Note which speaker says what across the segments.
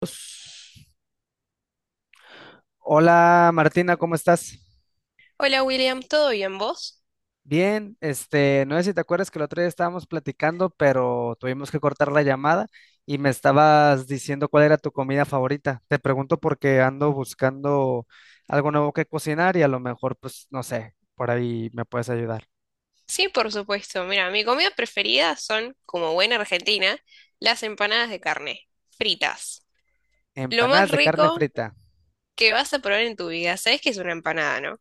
Speaker 1: Pues, hola Martina, ¿cómo estás?
Speaker 2: Hola William, ¿todo bien vos?
Speaker 1: Bien, no sé si te acuerdas que el otro día estábamos platicando, pero tuvimos que cortar la llamada y me estabas diciendo cuál era tu comida favorita. Te pregunto porque ando buscando algo nuevo que cocinar y a lo mejor, pues, no sé, por ahí me puedes ayudar.
Speaker 2: Sí, por supuesto. Mira, mi comida preferida son, como buena argentina, las empanadas de carne, fritas. Lo más
Speaker 1: Empanadas de carne
Speaker 2: rico
Speaker 1: frita.
Speaker 2: que vas a probar en tu vida, sabes que es una empanada, ¿no?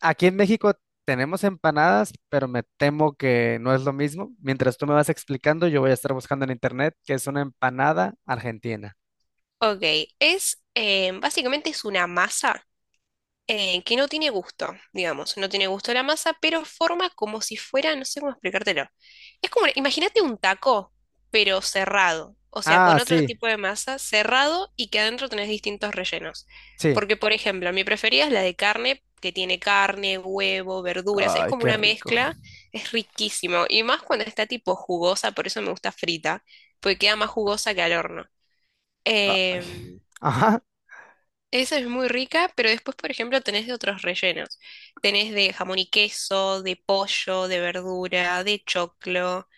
Speaker 1: Aquí en México tenemos empanadas, pero me temo que no es lo mismo. Mientras tú me vas explicando, yo voy a estar buscando en internet qué es una empanada argentina.
Speaker 2: Ok, básicamente es una masa que no tiene gusto, digamos, no tiene gusto la masa, pero forma como si fuera, no sé cómo explicártelo. Es como, imagínate un taco, pero cerrado, o sea,
Speaker 1: Ah,
Speaker 2: con otro
Speaker 1: sí,
Speaker 2: tipo de masa cerrado y que adentro tenés distintos rellenos.
Speaker 1: sí.
Speaker 2: Porque, por ejemplo, mi preferida es la de carne, que tiene carne, huevo, verduras, es
Speaker 1: Ay,
Speaker 2: como
Speaker 1: qué
Speaker 2: una
Speaker 1: rico.
Speaker 2: mezcla, es riquísimo, y más cuando está tipo jugosa, por eso me gusta frita, porque queda más jugosa que al horno.
Speaker 1: Ay,
Speaker 2: Em,
Speaker 1: ajá.
Speaker 2: Esa es muy rica, pero después, por ejemplo, tenés de otros rellenos. Tenés de jamón y queso, de pollo, de verdura, de choclo,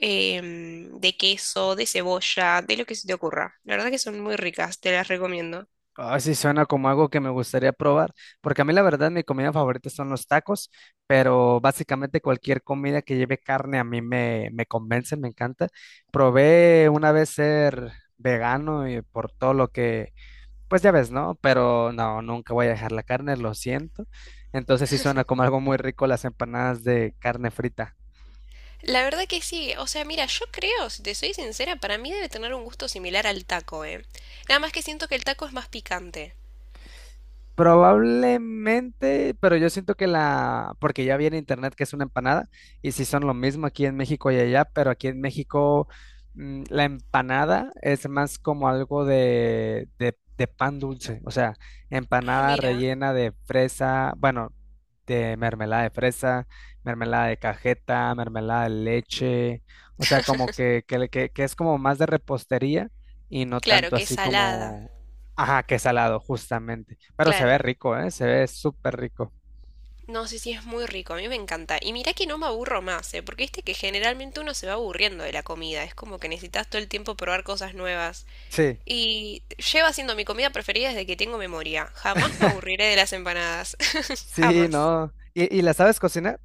Speaker 2: de queso, de cebolla, de lo que se te ocurra. La verdad que son muy ricas, te las recomiendo.
Speaker 1: Ay sí, suena como algo que me gustaría probar, porque a mí la verdad mi comida favorita son los tacos, pero básicamente cualquier comida que lleve carne a mí me convence, me encanta. Probé una vez ser vegano y por todo lo que, pues ya ves, ¿no? Pero no, nunca voy a dejar la carne, lo siento. Entonces sí suena como algo muy rico las empanadas de carne frita.
Speaker 2: La verdad que sí, o sea, mira, yo creo, si te soy sincera, para mí debe tener un gusto similar al taco, ¿eh? Nada más que siento que el taco es más picante.
Speaker 1: Probablemente, pero yo siento que la, porque ya vi en internet que es una empanada, y si son lo mismo aquí en México y allá, pero aquí en México la empanada es más como algo de pan dulce, o sea,
Speaker 2: Ah,
Speaker 1: empanada
Speaker 2: mira,
Speaker 1: rellena de fresa, bueno, de mermelada de fresa, mermelada de cajeta, mermelada de leche, o sea, como que es como más de repostería y no
Speaker 2: claro
Speaker 1: tanto
Speaker 2: que es
Speaker 1: así
Speaker 2: salada,
Speaker 1: como ajá, que salado, justamente. Pero se ve
Speaker 2: claro.
Speaker 1: rico, ¿eh? Se ve súper rico.
Speaker 2: No, sé sí, si sí, es muy rico, a mí me encanta. Y mirá que no me aburro más, ¿eh? Porque viste que generalmente uno se va aburriendo de la comida, es como que necesitas todo el tiempo probar cosas nuevas.
Speaker 1: Sí.
Speaker 2: Y lleva siendo mi comida preferida desde que tengo memoria. Jamás me aburriré de las empanadas,
Speaker 1: Sí,
Speaker 2: jamás.
Speaker 1: no. Y la sabes cocinar?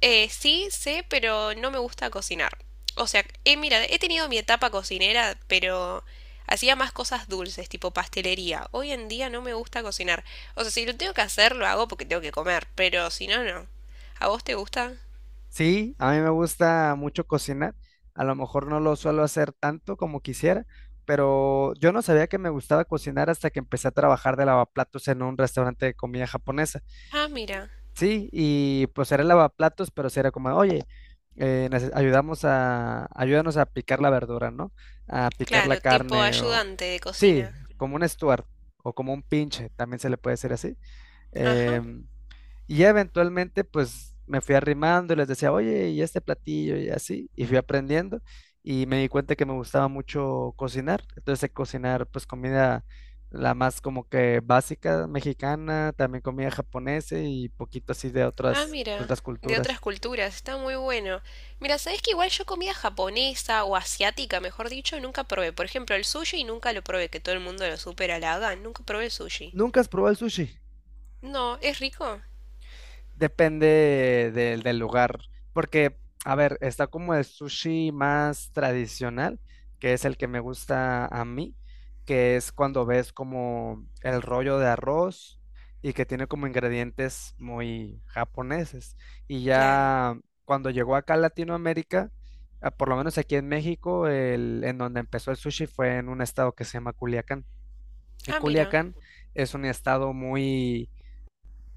Speaker 2: Sí, sé, pero no me gusta cocinar. O sea, mira, he tenido mi etapa cocinera, pero hacía más cosas dulces, tipo pastelería. Hoy en día no me gusta cocinar. O sea, si lo tengo que hacer, lo hago porque tengo que comer, pero si no, no. ¿A vos te gusta?
Speaker 1: Sí, a mí me gusta mucho cocinar. A lo mejor no lo suelo hacer tanto como quisiera, pero yo no sabía que me gustaba cocinar hasta que empecé a trabajar de lavaplatos en un restaurante de comida japonesa.
Speaker 2: Ah, mira.
Speaker 1: Sí, y pues era lavaplatos, pero sí era como, oye, ayudamos a, ayúdanos a picar la verdura, ¿no? A picar la
Speaker 2: Claro, tipo
Speaker 1: carne o
Speaker 2: ayudante de
Speaker 1: sí,
Speaker 2: cocina.
Speaker 1: como un Stuart o como un pinche, también se le puede decir así.
Speaker 2: Ajá.
Speaker 1: Em, y ya eventualmente, pues me fui arrimando y les decía, oye, y este platillo y así, y fui aprendiendo y me di cuenta que me gustaba mucho cocinar. Entonces, sé cocinar, pues comida la más como que básica mexicana, también comida japonesa y poquito así
Speaker 2: Ah,
Speaker 1: de
Speaker 2: mira.
Speaker 1: otras
Speaker 2: De
Speaker 1: culturas.
Speaker 2: otras culturas. Está muy bueno. Mira, ¿sabes que igual yo comida japonesa o asiática, mejor dicho, nunca probé? Por ejemplo, el sushi nunca lo probé, que todo el mundo lo supera, la hagan, nunca probé el sushi.
Speaker 1: ¿Nunca has probado el sushi?
Speaker 2: No, ¿es rico?
Speaker 1: Depende del lugar, porque, a ver, está como el sushi más tradicional, que es el que me gusta a mí, que es cuando ves como el rollo de arroz y que tiene como ingredientes muy japoneses. Y
Speaker 2: Claro.
Speaker 1: ya cuando llegó acá a Latinoamérica, ah, por lo menos aquí en México, el, en donde empezó el sushi fue en un estado que se llama Culiacán. Y
Speaker 2: Ah, mira.
Speaker 1: Culiacán es un estado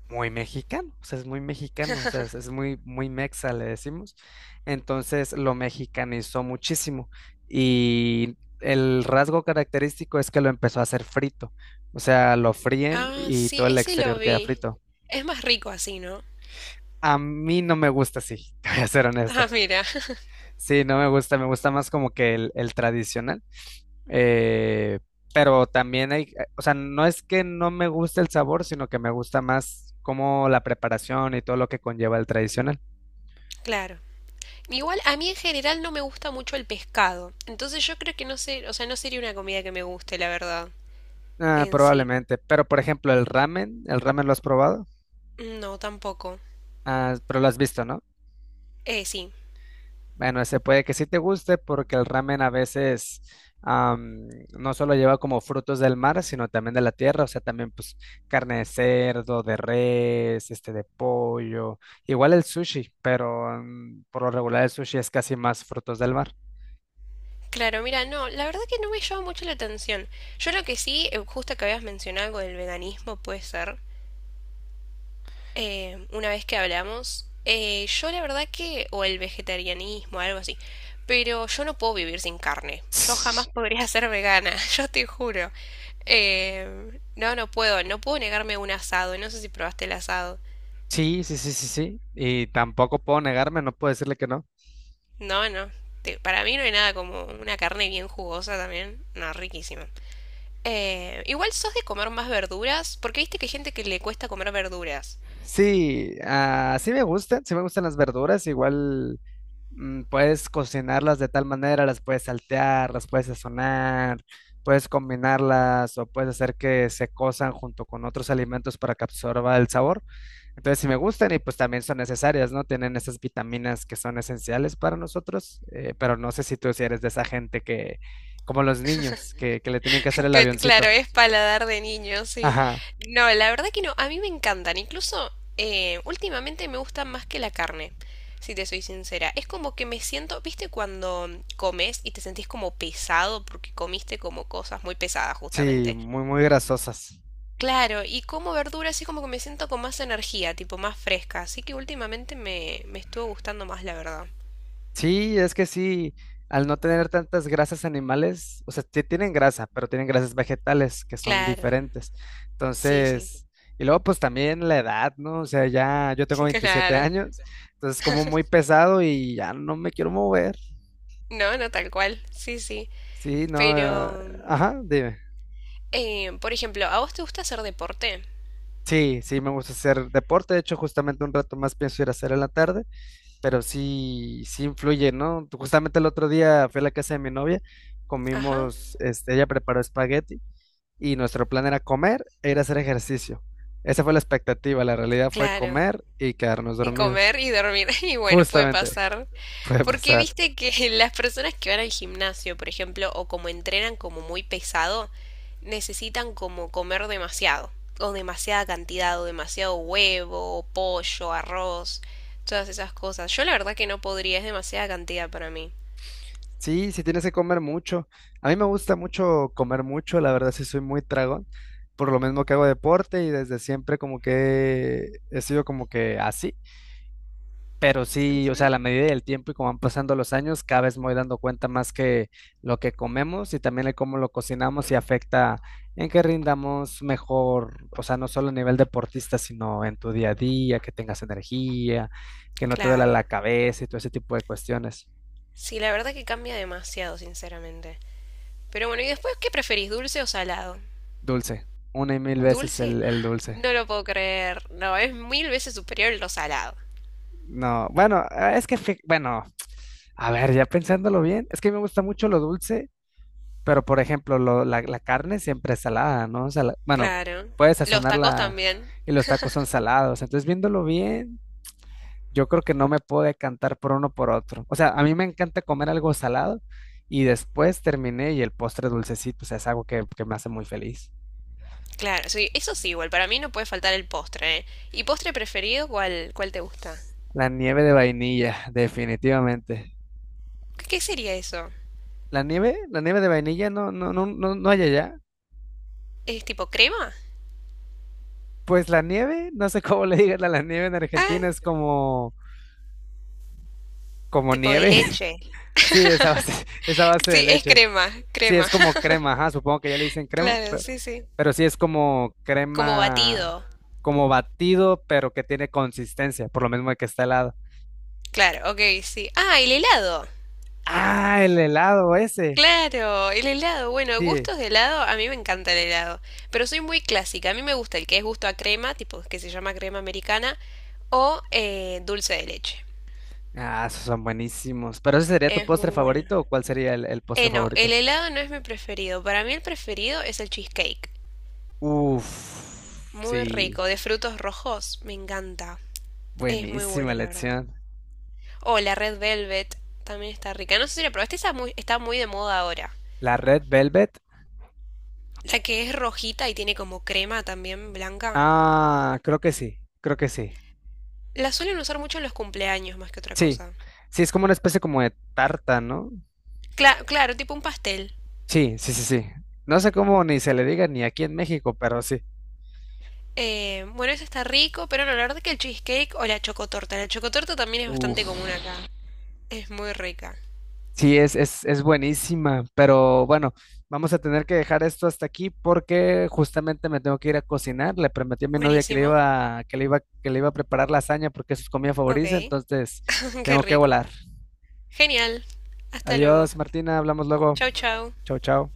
Speaker 1: muy mexicano, o sea, es muy mexicano, o sea, es muy, muy mexa, le decimos. Entonces lo mexicanizó muchísimo y el rasgo característico es que lo empezó a hacer frito, o sea, lo fríen
Speaker 2: Ah,
Speaker 1: y
Speaker 2: sí,
Speaker 1: todo el
Speaker 2: ese lo
Speaker 1: exterior queda
Speaker 2: vi.
Speaker 1: frito.
Speaker 2: Es más rico así, ¿no?
Speaker 1: A mí no me gusta así, te voy a ser honesto.
Speaker 2: Ah, mira.
Speaker 1: Sí, no me gusta, me gusta más como que el tradicional. eh, pero también hay, o sea, no es que no me guste el sabor, sino que me gusta más como la preparación y todo lo que conlleva el tradicional.
Speaker 2: Claro. Igual a mí en general no me gusta mucho el pescado. Entonces yo creo que no sé, o sea, no sería una comida que me guste, la verdad.
Speaker 1: Ah,
Speaker 2: En sí.
Speaker 1: probablemente. Pero, por ejemplo, ¿el ramen lo has probado?
Speaker 2: No, tampoco.
Speaker 1: Ah, pero lo has visto, ¿no?
Speaker 2: Sí.
Speaker 1: Bueno, ese puede que sí te guste porque el ramen a veces am, no solo lleva como frutos del mar, sino también de la tierra, o sea, también pues carne de cerdo, de res, este de pollo, igual el sushi, pero por lo regular el sushi es casi más frutos del mar.
Speaker 2: Claro, mira, no, la verdad que no me llama mucho la atención. Yo lo que sí, justo que habías mencionado algo del veganismo, puede ser, una vez que hablamos, yo la verdad que, o el vegetarianismo, algo así, pero yo no puedo vivir sin carne. Yo
Speaker 1: Sí,
Speaker 2: jamás podría ser vegana, yo te juro. No, no puedo, no puedo negarme un asado, no sé si probaste el asado.
Speaker 1: sí, sí, sí, sí. Y tampoco puedo negarme, no puedo decirle que no.
Speaker 2: No, no, te- para mí no hay nada como una carne bien jugosa también, no, riquísima. Igual sos de comer más verduras, porque viste que hay gente que le cuesta comer verduras.
Speaker 1: Sí, ah, sí me gustan las verduras, igual puedes cocinarlas de tal manera, las puedes saltear, las puedes sazonar, puedes combinarlas o puedes hacer que se cozan junto con otros alimentos para que absorba el sabor. Entonces sí me gustan y pues también son necesarias, ¿no? Tienen esas vitaminas que son esenciales para nosotros, pero no sé si tú si eres de esa gente que, como los niños, que le tienen que hacer el
Speaker 2: Que, claro,
Speaker 1: avioncito.
Speaker 2: es paladar de niño, sí.
Speaker 1: Ajá,
Speaker 2: No, la verdad que no, a mí me encantan. Incluso últimamente me gustan más que la carne, si te soy sincera. Es como que me siento, viste cuando comes y te sentís como pesado porque comiste como cosas muy pesadas,
Speaker 1: sí,
Speaker 2: justamente.
Speaker 1: muy, muy grasosas.
Speaker 2: Claro, y como verduras así como que me siento con más energía, tipo más fresca. Así que últimamente me estuvo gustando más, la verdad.
Speaker 1: Sí, es que sí, al no tener tantas grasas animales, o sea, sí tienen grasa, pero tienen grasas vegetales que son
Speaker 2: Claro,
Speaker 1: diferentes.
Speaker 2: sí, sí.
Speaker 1: Entonces, y luego pues también la edad, ¿no? O sea, ya yo tengo veintisiete
Speaker 2: Claro.
Speaker 1: años, entonces como muy pesado y ya no me quiero mover.
Speaker 2: No, no tal cual. Sí, sí.
Speaker 1: Sí, no,
Speaker 2: Pero,
Speaker 1: ajá, dime.
Speaker 2: por ejemplo, ¿a vos te gusta hacer deporte?
Speaker 1: Sí, sí, me gusta hacer deporte, de hecho justamente un rato más pienso ir a hacer en la tarde, pero sí, sí influye, ¿no? Justamente el otro día fui a la casa de mi novia,
Speaker 2: Ajá.
Speaker 1: comimos, este, ella preparó espagueti. Y nuestro plan era comer e ir a hacer ejercicio. Esa fue la expectativa, la realidad fue
Speaker 2: Claro.
Speaker 1: comer y quedarnos
Speaker 2: Y
Speaker 1: dormidos.
Speaker 2: comer y dormir. Y bueno, puede
Speaker 1: Justamente,
Speaker 2: pasar.
Speaker 1: puede
Speaker 2: Porque
Speaker 1: pasar.
Speaker 2: viste que las personas que van al gimnasio, por ejemplo, o como entrenan como muy pesado, necesitan como comer demasiado. O demasiada cantidad, o demasiado huevo, pollo, arroz, todas esas cosas. Yo la verdad que no podría, es demasiada cantidad para mí.
Speaker 1: Sí, sí tienes que comer mucho. A mí me gusta mucho comer mucho, la verdad sí soy muy tragón, por lo mismo que hago deporte y desde siempre como que he sido como que así. Pero sí, o sea, a
Speaker 2: Ujú.
Speaker 1: la medida del tiempo y como van pasando los años, cada vez me voy dando cuenta más que lo que comemos y también el cómo lo cocinamos y afecta en que rindamos mejor, o sea, no solo a nivel deportista, sino en tu día a día, que tengas energía, que no te duela
Speaker 2: Claro.
Speaker 1: la cabeza y todo ese tipo de cuestiones.
Speaker 2: Sí, la verdad que cambia demasiado, sinceramente. Pero bueno, ¿y después qué preferís, dulce o salado?
Speaker 1: Dulce, una y mil veces
Speaker 2: ¿Dulce?
Speaker 1: el dulce.
Speaker 2: No lo puedo creer. No, es mil veces superior lo salado.
Speaker 1: No, bueno, ah, es que, fi- bueno, a ver, ya pensándolo bien, es que me gusta mucho lo dulce. Pero, por ejemplo, lo- la carne siempre es salada, ¿no? Sala- bueno,
Speaker 2: Claro.
Speaker 1: puedes
Speaker 2: Los tacos
Speaker 1: sazonarla
Speaker 2: también.
Speaker 1: y los tacos son salados. Entonces, viéndolo bien, yo creo que no me puedo decantar por uno por otro. O sea, a mí me encanta comer algo salado y después terminé y el postre dulcecito, o sea, es algo que me hace muy feliz.
Speaker 2: Claro, sí, eso sí, igual. Para mí no puede faltar el postre, ¿eh? ¿Y postre preferido cuál, cuál te gusta?
Speaker 1: La nieve de vainilla, definitivamente.
Speaker 2: ¿Qué, qué sería eso?
Speaker 1: La nieve de vainilla no hay allá.
Speaker 2: ¿Es tipo crema?
Speaker 1: Pues la nieve, no sé cómo le digan a la nieve en
Speaker 2: Ah,
Speaker 1: Argentina, es como, como
Speaker 2: tipo de
Speaker 1: nieve.
Speaker 2: leche.
Speaker 1: Sí, esa base de
Speaker 2: Sí, es
Speaker 1: leche.
Speaker 2: crema,
Speaker 1: Sí,
Speaker 2: crema.
Speaker 1: es como crema, ajá, supongo que ya le dicen crema,
Speaker 2: Claro, sí, sí.
Speaker 1: pero sí es como
Speaker 2: Como
Speaker 1: crema,
Speaker 2: batido.
Speaker 1: como batido, pero que tiene consistencia, por lo mismo de que está helado.
Speaker 2: Claro, ok, sí. Ah, el helado.
Speaker 1: Ah, el helado ese,
Speaker 2: Claro, el helado. Bueno,
Speaker 1: sí.
Speaker 2: gustos de helado, a mí me encanta el helado, pero soy muy clásica. A mí me gusta el que es gusto a crema, tipo que se llama crema americana, o dulce de leche.
Speaker 1: Ah, esos son buenísimos. ¿Pero ese sería tu
Speaker 2: Es
Speaker 1: postre
Speaker 2: muy bueno.
Speaker 1: favorito o cuál sería el postre
Speaker 2: No, el
Speaker 1: favorito?
Speaker 2: helado no es mi preferido. Para mí el preferido es el cheesecake.
Speaker 1: Uf,
Speaker 2: Muy rico,
Speaker 1: sí,
Speaker 2: de frutos rojos, me encanta. Es muy
Speaker 1: buenísima
Speaker 2: bueno, la verdad.
Speaker 1: elección.
Speaker 2: O la Red Velvet también está rica. No sé si la probaste, esa muy, está muy de moda ahora.
Speaker 1: ¿La Red Velvet?
Speaker 2: La que es rojita y tiene como crema también blanca.
Speaker 1: Ah, creo que sí, creo que sí.
Speaker 2: La suelen usar mucho en los cumpleaños más que otra
Speaker 1: Sí,
Speaker 2: cosa.
Speaker 1: sí, es como una especie como de tarta, ¿no?
Speaker 2: Cla- claro, tipo un pastel.
Speaker 1: Sí, sí, sí, sí. No sé cómo ni se le diga ni aquí en México, pero sí.
Speaker 2: Bueno, ese está rico, pero no, la verdad que el cheesecake o la chocotorta. La chocotorta también es bastante
Speaker 1: Uf.
Speaker 2: común acá. Es muy rica.
Speaker 1: Sí, es buenísima, pero bueno, vamos a tener que dejar esto hasta aquí porque justamente me tengo que ir a cocinar. Le prometí a mi novia que le
Speaker 2: Buenísimo.
Speaker 1: iba, que le iba, que le iba a preparar lasaña porque es su comida
Speaker 2: Ok,
Speaker 1: favorita, entonces
Speaker 2: qué
Speaker 1: tengo que
Speaker 2: rico.
Speaker 1: volar.
Speaker 2: Genial. Hasta luego.
Speaker 1: Adiós, Martina, hablamos luego.
Speaker 2: Chau, chau.
Speaker 1: Chao, chao.